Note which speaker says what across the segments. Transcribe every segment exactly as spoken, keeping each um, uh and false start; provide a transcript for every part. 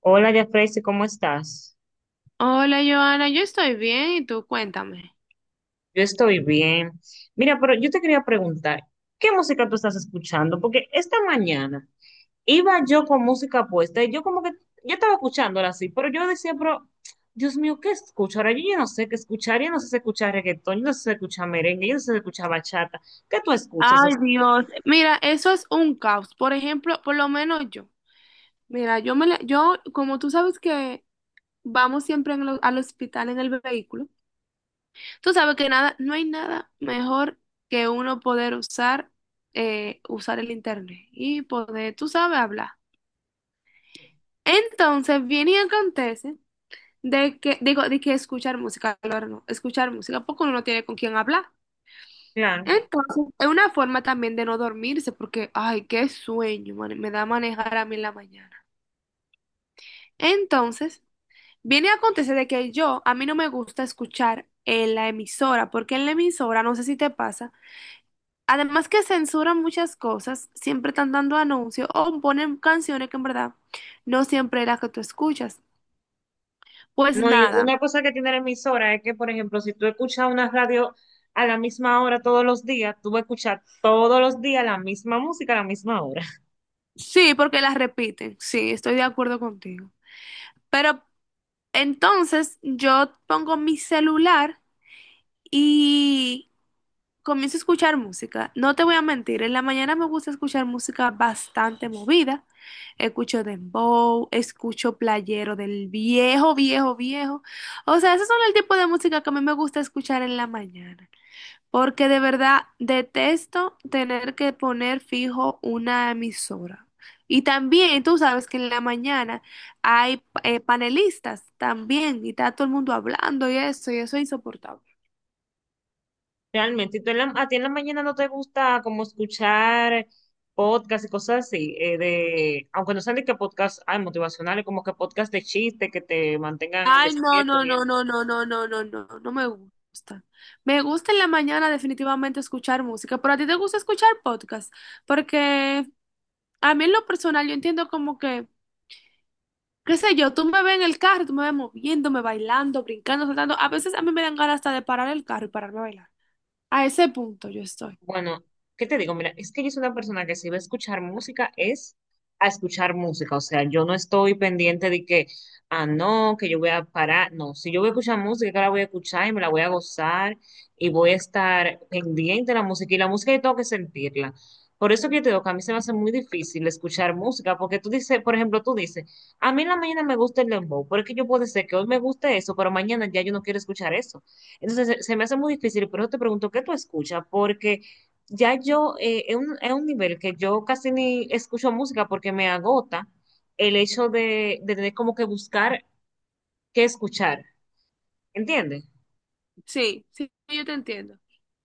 Speaker 1: Hola, Jafrey, ¿cómo estás?
Speaker 2: Hola, Joana, yo estoy bien y tú cuéntame.
Speaker 1: Yo estoy bien. Mira, pero yo te quería preguntar, ¿qué música tú estás escuchando? Porque esta mañana iba yo con música puesta y yo como que, yo estaba escuchándola así, pero yo decía, pero, Dios mío, ¿qué escucho? Ahora yo ya no sé qué escuchar, yo no sé si escuchar reggaetón, yo no sé si escuchar merengue, yo no sé si escuchar bachata. ¿Qué tú escuchas? O
Speaker 2: Ay,
Speaker 1: sea,
Speaker 2: Dios. Mira, eso es un caos. Por ejemplo, por lo menos yo. Mira, yo me la- yo, como tú sabes que vamos siempre en lo- al hospital en el vehículo, tú sabes que nada, no hay nada mejor que uno poder usar, eh, usar el internet y poder, tú sabes, hablar. Entonces, viene y acontece de que, digo, de que escuchar música, claro, no, escuchar música, porque uno no tiene con quién hablar.
Speaker 1: claro.
Speaker 2: Entonces, es una forma también de no dormirse, porque, ay, qué sueño, mane- me da manejar a mí en la mañana. Entonces, viene a acontecer de que yo, a mí no me gusta escuchar en la emisora, porque en la emisora, no sé si te pasa, además que censuran muchas cosas, siempre están dando anuncios o ponen canciones que en verdad no siempre es la que tú escuchas. Pues
Speaker 1: No, y
Speaker 2: nada,
Speaker 1: una cosa que tiene la emisora es que, por ejemplo, si tú escuchas una radio a la misma hora todos los días, tú vas a escuchar todos los días la misma música a la misma hora.
Speaker 2: sí, porque las repiten, sí, estoy de acuerdo contigo. Pero entonces yo pongo mi celular. Y comienzo a escuchar música. No te voy a mentir, en la mañana me gusta escuchar música bastante movida. Escucho dembow, escucho playero del viejo, viejo, viejo. O sea, esos son el tipo de música que a mí me gusta escuchar en la mañana. Porque de verdad detesto tener que poner fijo una emisora. Y también tú sabes que en la mañana hay eh, panelistas también y está todo el mundo hablando y eso, y eso es insoportable.
Speaker 1: Realmente, y tú en la- a ti en la mañana no te gusta como escuchar podcast y cosas así, eh, de, aunque no sean de qué podcast hay motivacionales, como que podcast de chiste que te mantengan
Speaker 2: Ay, no,
Speaker 1: despiertos
Speaker 2: no,
Speaker 1: y
Speaker 2: no, no, no, no, no, no, no, no me gusta. Me gusta en la mañana definitivamente escuchar música, pero a ti te gusta escuchar podcast, porque a mí en lo personal yo entiendo como que, qué sé yo, tú me ves en el carro, tú me ves moviéndome, bailando, brincando, saltando. A veces a mí me dan ganas hasta de parar el carro y pararme a bailar. A ese punto yo estoy.
Speaker 1: bueno, ¿qué te digo? Mira, es que yo soy una persona que si va a escuchar música es a escuchar música. O sea, yo no estoy pendiente de que, ah, no, que yo voy a parar. No, si yo voy a escuchar música, que la voy a escuchar y me la voy a gozar y voy a estar pendiente de la música. Y la música yo tengo que sentirla. Por eso que yo te digo que a mí se me hace muy difícil escuchar música, porque tú dices, por ejemplo, tú dices, a mí en la mañana me gusta el dembow, porque yo puedo decir que hoy me guste eso, pero mañana ya yo no quiero escuchar eso. Entonces se, se me hace muy difícil, por eso te pregunto, ¿qué tú escuchas? Porque ya yo, eh, es un, es un nivel que yo casi ni escucho música porque me agota el hecho de, de tener como que buscar qué escuchar, ¿entiendes?
Speaker 2: Sí, sí, yo te entiendo.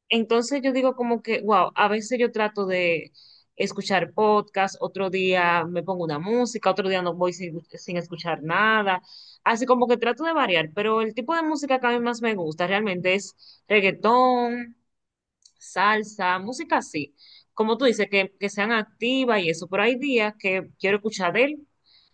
Speaker 1: Entonces yo digo como que, wow, a veces yo trato de escuchar podcast, otro día me pongo una música, otro día no voy sin, sin escuchar nada, así como que trato de variar, pero el tipo de música que a mí más me gusta realmente es reggaetón, salsa, música así. Como tú dices, que, que sean activas y eso. Pero hay días que quiero escuchar a él,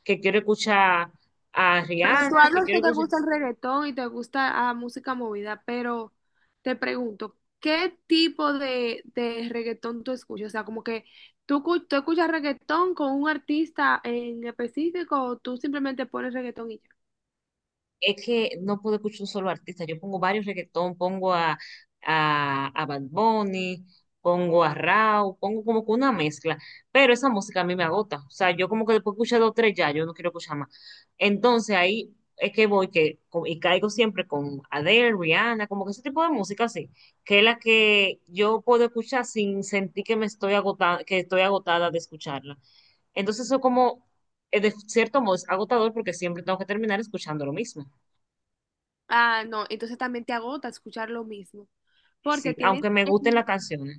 Speaker 1: que quiero escuchar a
Speaker 2: Pero tú
Speaker 1: Rihanna, que
Speaker 2: hablas que
Speaker 1: quiero
Speaker 2: te
Speaker 1: escuchar.
Speaker 2: gusta el reggaetón y te gusta la música movida, pero te pregunto, ¿qué tipo de, de reggaetón tú escuchas? O sea, como que tú, cu- tú escuchas reggaetón con un artista en específico o tú simplemente pones reggaetón y ya.
Speaker 1: Es que no puedo escuchar un solo artista. Yo pongo varios reggaetón, pongo a, a, a Bad Bunny, pongo a Rauw, pongo como que una mezcla. Pero esa música a mí me agota. O sea, yo como que después escucho dos o tres ya, yo no quiero escuchar más. Entonces ahí es que voy que, co- y caigo siempre con Adele, Rihanna, como que ese tipo de música así, que es la que yo puedo escuchar sin sentir que me estoy agotada, que estoy agotada de escucharla. Entonces eso como, eh, de cierto modo, es agotador porque siempre tengo que terminar escuchando lo mismo.
Speaker 2: Ah, no, entonces también te agota escuchar lo mismo,
Speaker 1: Sí,
Speaker 2: porque tienes.
Speaker 1: aunque me gusten las canciones.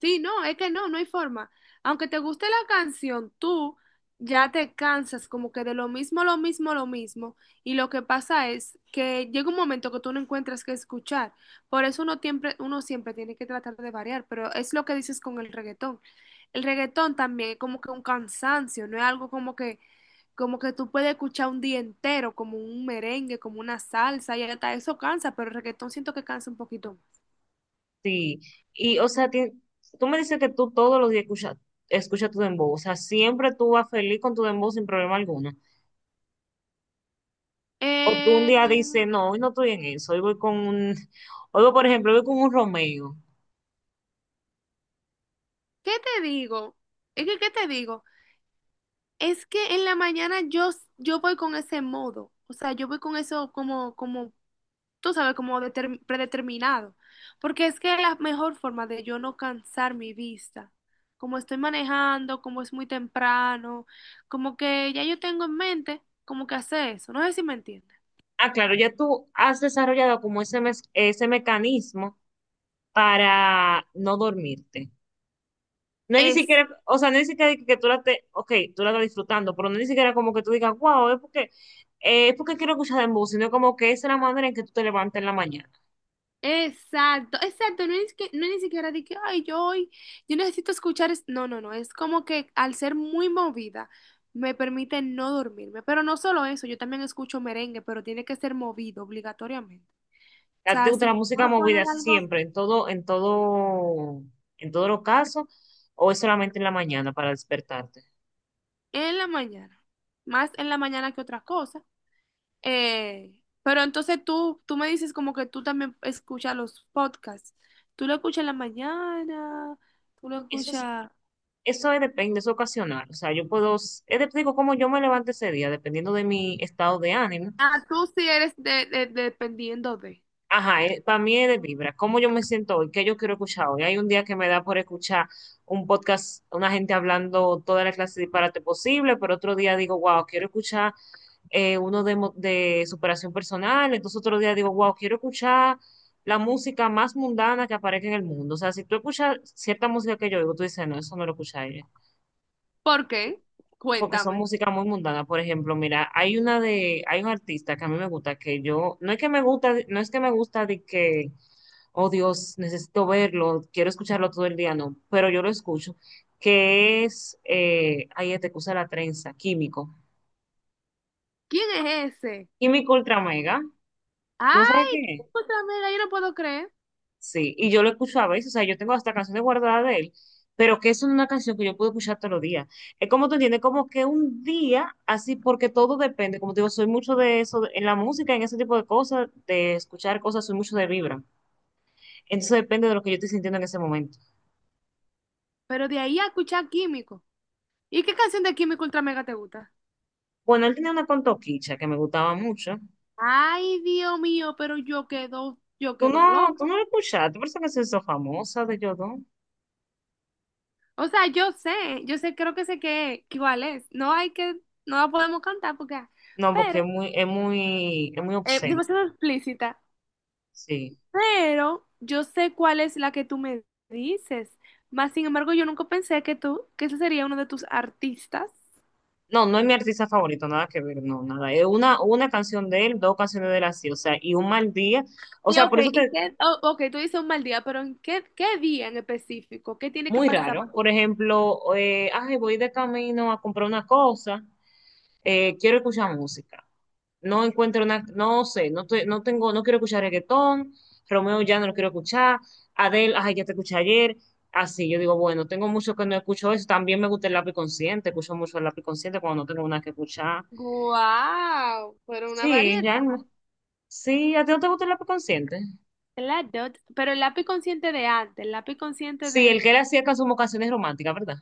Speaker 2: Sí, no, es que no, no hay forma. Aunque te guste la canción, tú ya te cansas como que de lo mismo, lo mismo, lo mismo. Y lo que pasa es que llega un momento que tú no encuentras qué escuchar. Por eso uno siempre, uno siempre tiene que tratar de variar, pero es lo que dices con el reggaetón. El reggaetón también es como que un cansancio, no es algo como que, como que tú puedes escuchar un día entero, como un merengue, como una salsa, y hasta eso cansa, pero el reggaetón siento que cansa un poquito más.
Speaker 1: Sí. Y, o sea, ti- tú me dices que tú todos los días escuchas escucha tu dembow. O sea, siempre tú vas feliz con tu dembow sin problema alguno. O tú un
Speaker 2: Eh,
Speaker 1: día dices, no, hoy no estoy en eso. Hoy voy con un. Hoy voy, por ejemplo, hoy voy con un Romeo.
Speaker 2: ¿Qué te digo? Es que, ¿qué te digo? Es que en la mañana yo, s- yo voy con ese modo, o sea, yo voy con eso como, como, tú sabes, como determ- predeterminado, porque es que es la mejor forma de yo no cansar mi vista, como estoy manejando, como es muy temprano, como que ya yo tengo en mente como que hacer eso, no sé si me entiendes.
Speaker 1: Ah, claro, ya tú has desarrollado como ese, mes- ese mecanismo para no dormirte. No es ni siquiera, o sea, no es ni siquiera que, que tú la te, ok, tú la estás disfrutando, pero no es ni siquiera como que tú digas, wow, es porque, eh, es porque quiero escuchar de música, sino como que esa es la manera en que tú te levantas en la mañana.
Speaker 2: Exacto, exacto, no es que no es ni siquiera de que, ay, yo hoy, yo necesito escuchar, es-". no, no, no, es como que al ser muy movida me permite no dormirme, pero no solo eso, yo también escucho merengue, pero tiene que ser movido obligatoriamente. O
Speaker 1: A ti te
Speaker 2: sea,
Speaker 1: gusta
Speaker 2: si
Speaker 1: la
Speaker 2: voy
Speaker 1: música
Speaker 2: a poner
Speaker 1: movida
Speaker 2: algo
Speaker 1: siempre, en todo, en todo, en todos los casos, o es solamente en la mañana para despertarte.
Speaker 2: en la mañana, más en la mañana que otra cosa, eh, pero entonces tú, tú me dices como que tú también escuchas los podcasts, tú lo escuchas en la mañana, tú lo
Speaker 1: Eso es,
Speaker 2: escuchas...
Speaker 1: eso es- depende, es ocasional. O sea, yo puedo, es de- digo, como yo me levante ese día, dependiendo de mi estado de ánimo.
Speaker 2: Ah, tú sí eres de, de- dependiendo de.
Speaker 1: Ajá, para mí es de vibra. ¿Cómo yo me siento hoy? ¿Qué yo quiero escuchar hoy? Hay un día que me da por escuchar un podcast, una gente hablando toda la clase de disparate posible, pero otro día digo, wow, quiero escuchar eh, uno de, mo- de superación personal. Entonces otro día digo, wow, quiero escuchar la música más mundana que aparezca en el mundo. O sea, si tú escuchas cierta música que yo oigo, tú dices, no, eso no lo escucha ella.
Speaker 2: ¿Por qué?
Speaker 1: Porque son
Speaker 2: Cuéntame.
Speaker 1: música muy mundana. Por ejemplo, mira, hay una de, hay un artista que a mí me gusta, que yo, no es que me gusta, no es que me gusta de que oh Dios, necesito verlo, quiero escucharlo todo el día, no, pero yo lo escucho, que es, eh, ahí te usa la trenza, químico,
Speaker 2: ¿Quién es ese?
Speaker 1: químico ultra mega, ¿no sabes qué
Speaker 2: Ay, qué
Speaker 1: es?
Speaker 2: ultra mega, yo no puedo creer.
Speaker 1: Sí, y yo lo escucho a veces, o sea, yo tengo hasta canciones guardadas de él, pero que es una canción que yo puedo escuchar todos los días. Es como tú entiendes, como que un día, así, porque todo depende, como te digo, soy mucho de eso, de- en la música, en ese tipo de cosas, de escuchar cosas, soy mucho de vibra. Entonces depende de lo que yo estoy sintiendo en ese momento.
Speaker 2: Pero de ahí a escuchar Químico. ¿Y qué canción de Químico ultra mega te gusta?
Speaker 1: Bueno, él tenía una con Toquicha que me gustaba mucho.
Speaker 2: Ay, Dios mío, pero yo quedo, yo
Speaker 1: Tú no,
Speaker 2: quedo
Speaker 1: tú
Speaker 2: loca.
Speaker 1: no lo escuchaste, por eso que se hizo famosa de Yodón.
Speaker 2: O sea, yo sé, yo sé, creo que sé que, que cuál es. No hay que, no la podemos cantar porque, ah,
Speaker 1: No, porque es
Speaker 2: pero,
Speaker 1: muy, es muy, es muy
Speaker 2: eh,
Speaker 1: obsceno,
Speaker 2: demasiado explícita.
Speaker 1: sí.
Speaker 2: Pero yo sé cuál es la que tú me dices. Más sin embargo, yo nunca pensé que tú, que ese sería uno de tus artistas.
Speaker 1: No, no es mi artista favorito, nada que ver, no, nada. Es una, una canción de él, dos canciones de él así, o sea, y un mal día. O
Speaker 2: Y
Speaker 1: sea,
Speaker 2: ok,
Speaker 1: por eso
Speaker 2: y
Speaker 1: te,
Speaker 2: qué, oh, ok, tú dices un mal día, pero ¿en qué, qué día en específico? ¿Qué tiene que
Speaker 1: muy
Speaker 2: pasar
Speaker 1: raro.
Speaker 2: para que
Speaker 1: Por ejemplo, eh, ay, voy de camino a comprar una cosa. eh, quiero escuchar música. No encuentro una, no sé, no, te- no tengo, no quiero escuchar reggaetón, Romeo ya no lo quiero escuchar, Adele, ay, ya te escuché ayer, así, yo digo, bueno, tengo mucho que no escucho eso, también me gusta el lápiz consciente, escucho mucho el lápiz consciente cuando no tengo nada que escuchar.
Speaker 2: guau, pero una
Speaker 1: Sí,
Speaker 2: variedad?
Speaker 1: realmente, sí, ¿a ti no te gusta el lápiz consciente?
Speaker 2: Claro, pero el lápiz consciente de antes, el lápiz consciente
Speaker 1: Sí,
Speaker 2: de...
Speaker 1: el que él hacía can- como canciones románticas, ¿verdad?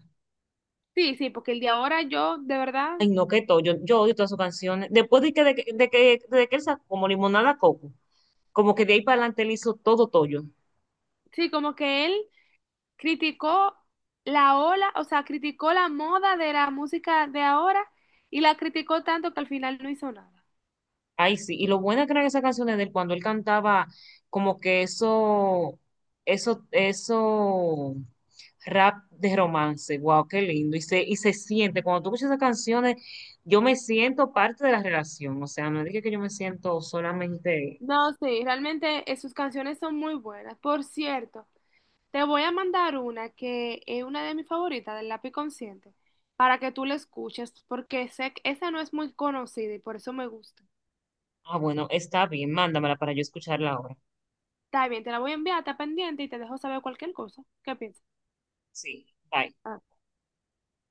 Speaker 2: Sí, sí, porque el de ahora yo, de verdad,
Speaker 1: Ay, no, que todo, yo, yo odio todas sus canciones. Después de que, de, que, de que de que él sacó como Limonada Coco, como que de ahí para adelante él hizo todo todo
Speaker 2: sí, como que él criticó la ola, o sea, criticó la moda de la música de ahora y la criticó tanto que al final no hizo nada.
Speaker 1: ay, sí, y lo buena que eran esas canciones de él cuando él cantaba como que eso, eso, eso rap de romance, wow, qué lindo. Y se, y se siente, cuando tú escuchas esas canciones, yo me siento parte de la relación. O sea, no dije que yo me siento solamente,
Speaker 2: No, sí, realmente eh, sus canciones son muy buenas. Por cierto, te voy a mandar una que es una de mis favoritas del Lápiz Consciente para que tú la escuches porque sé que esa no es muy conocida y por eso me gusta.
Speaker 1: ah, bueno, está bien, mándamela para yo escucharla ahora.
Speaker 2: Está bien, te la voy a enviar, está pendiente y te dejo saber cualquier cosa. ¿Qué piensas?
Speaker 1: Sí, bye.
Speaker 2: Ah.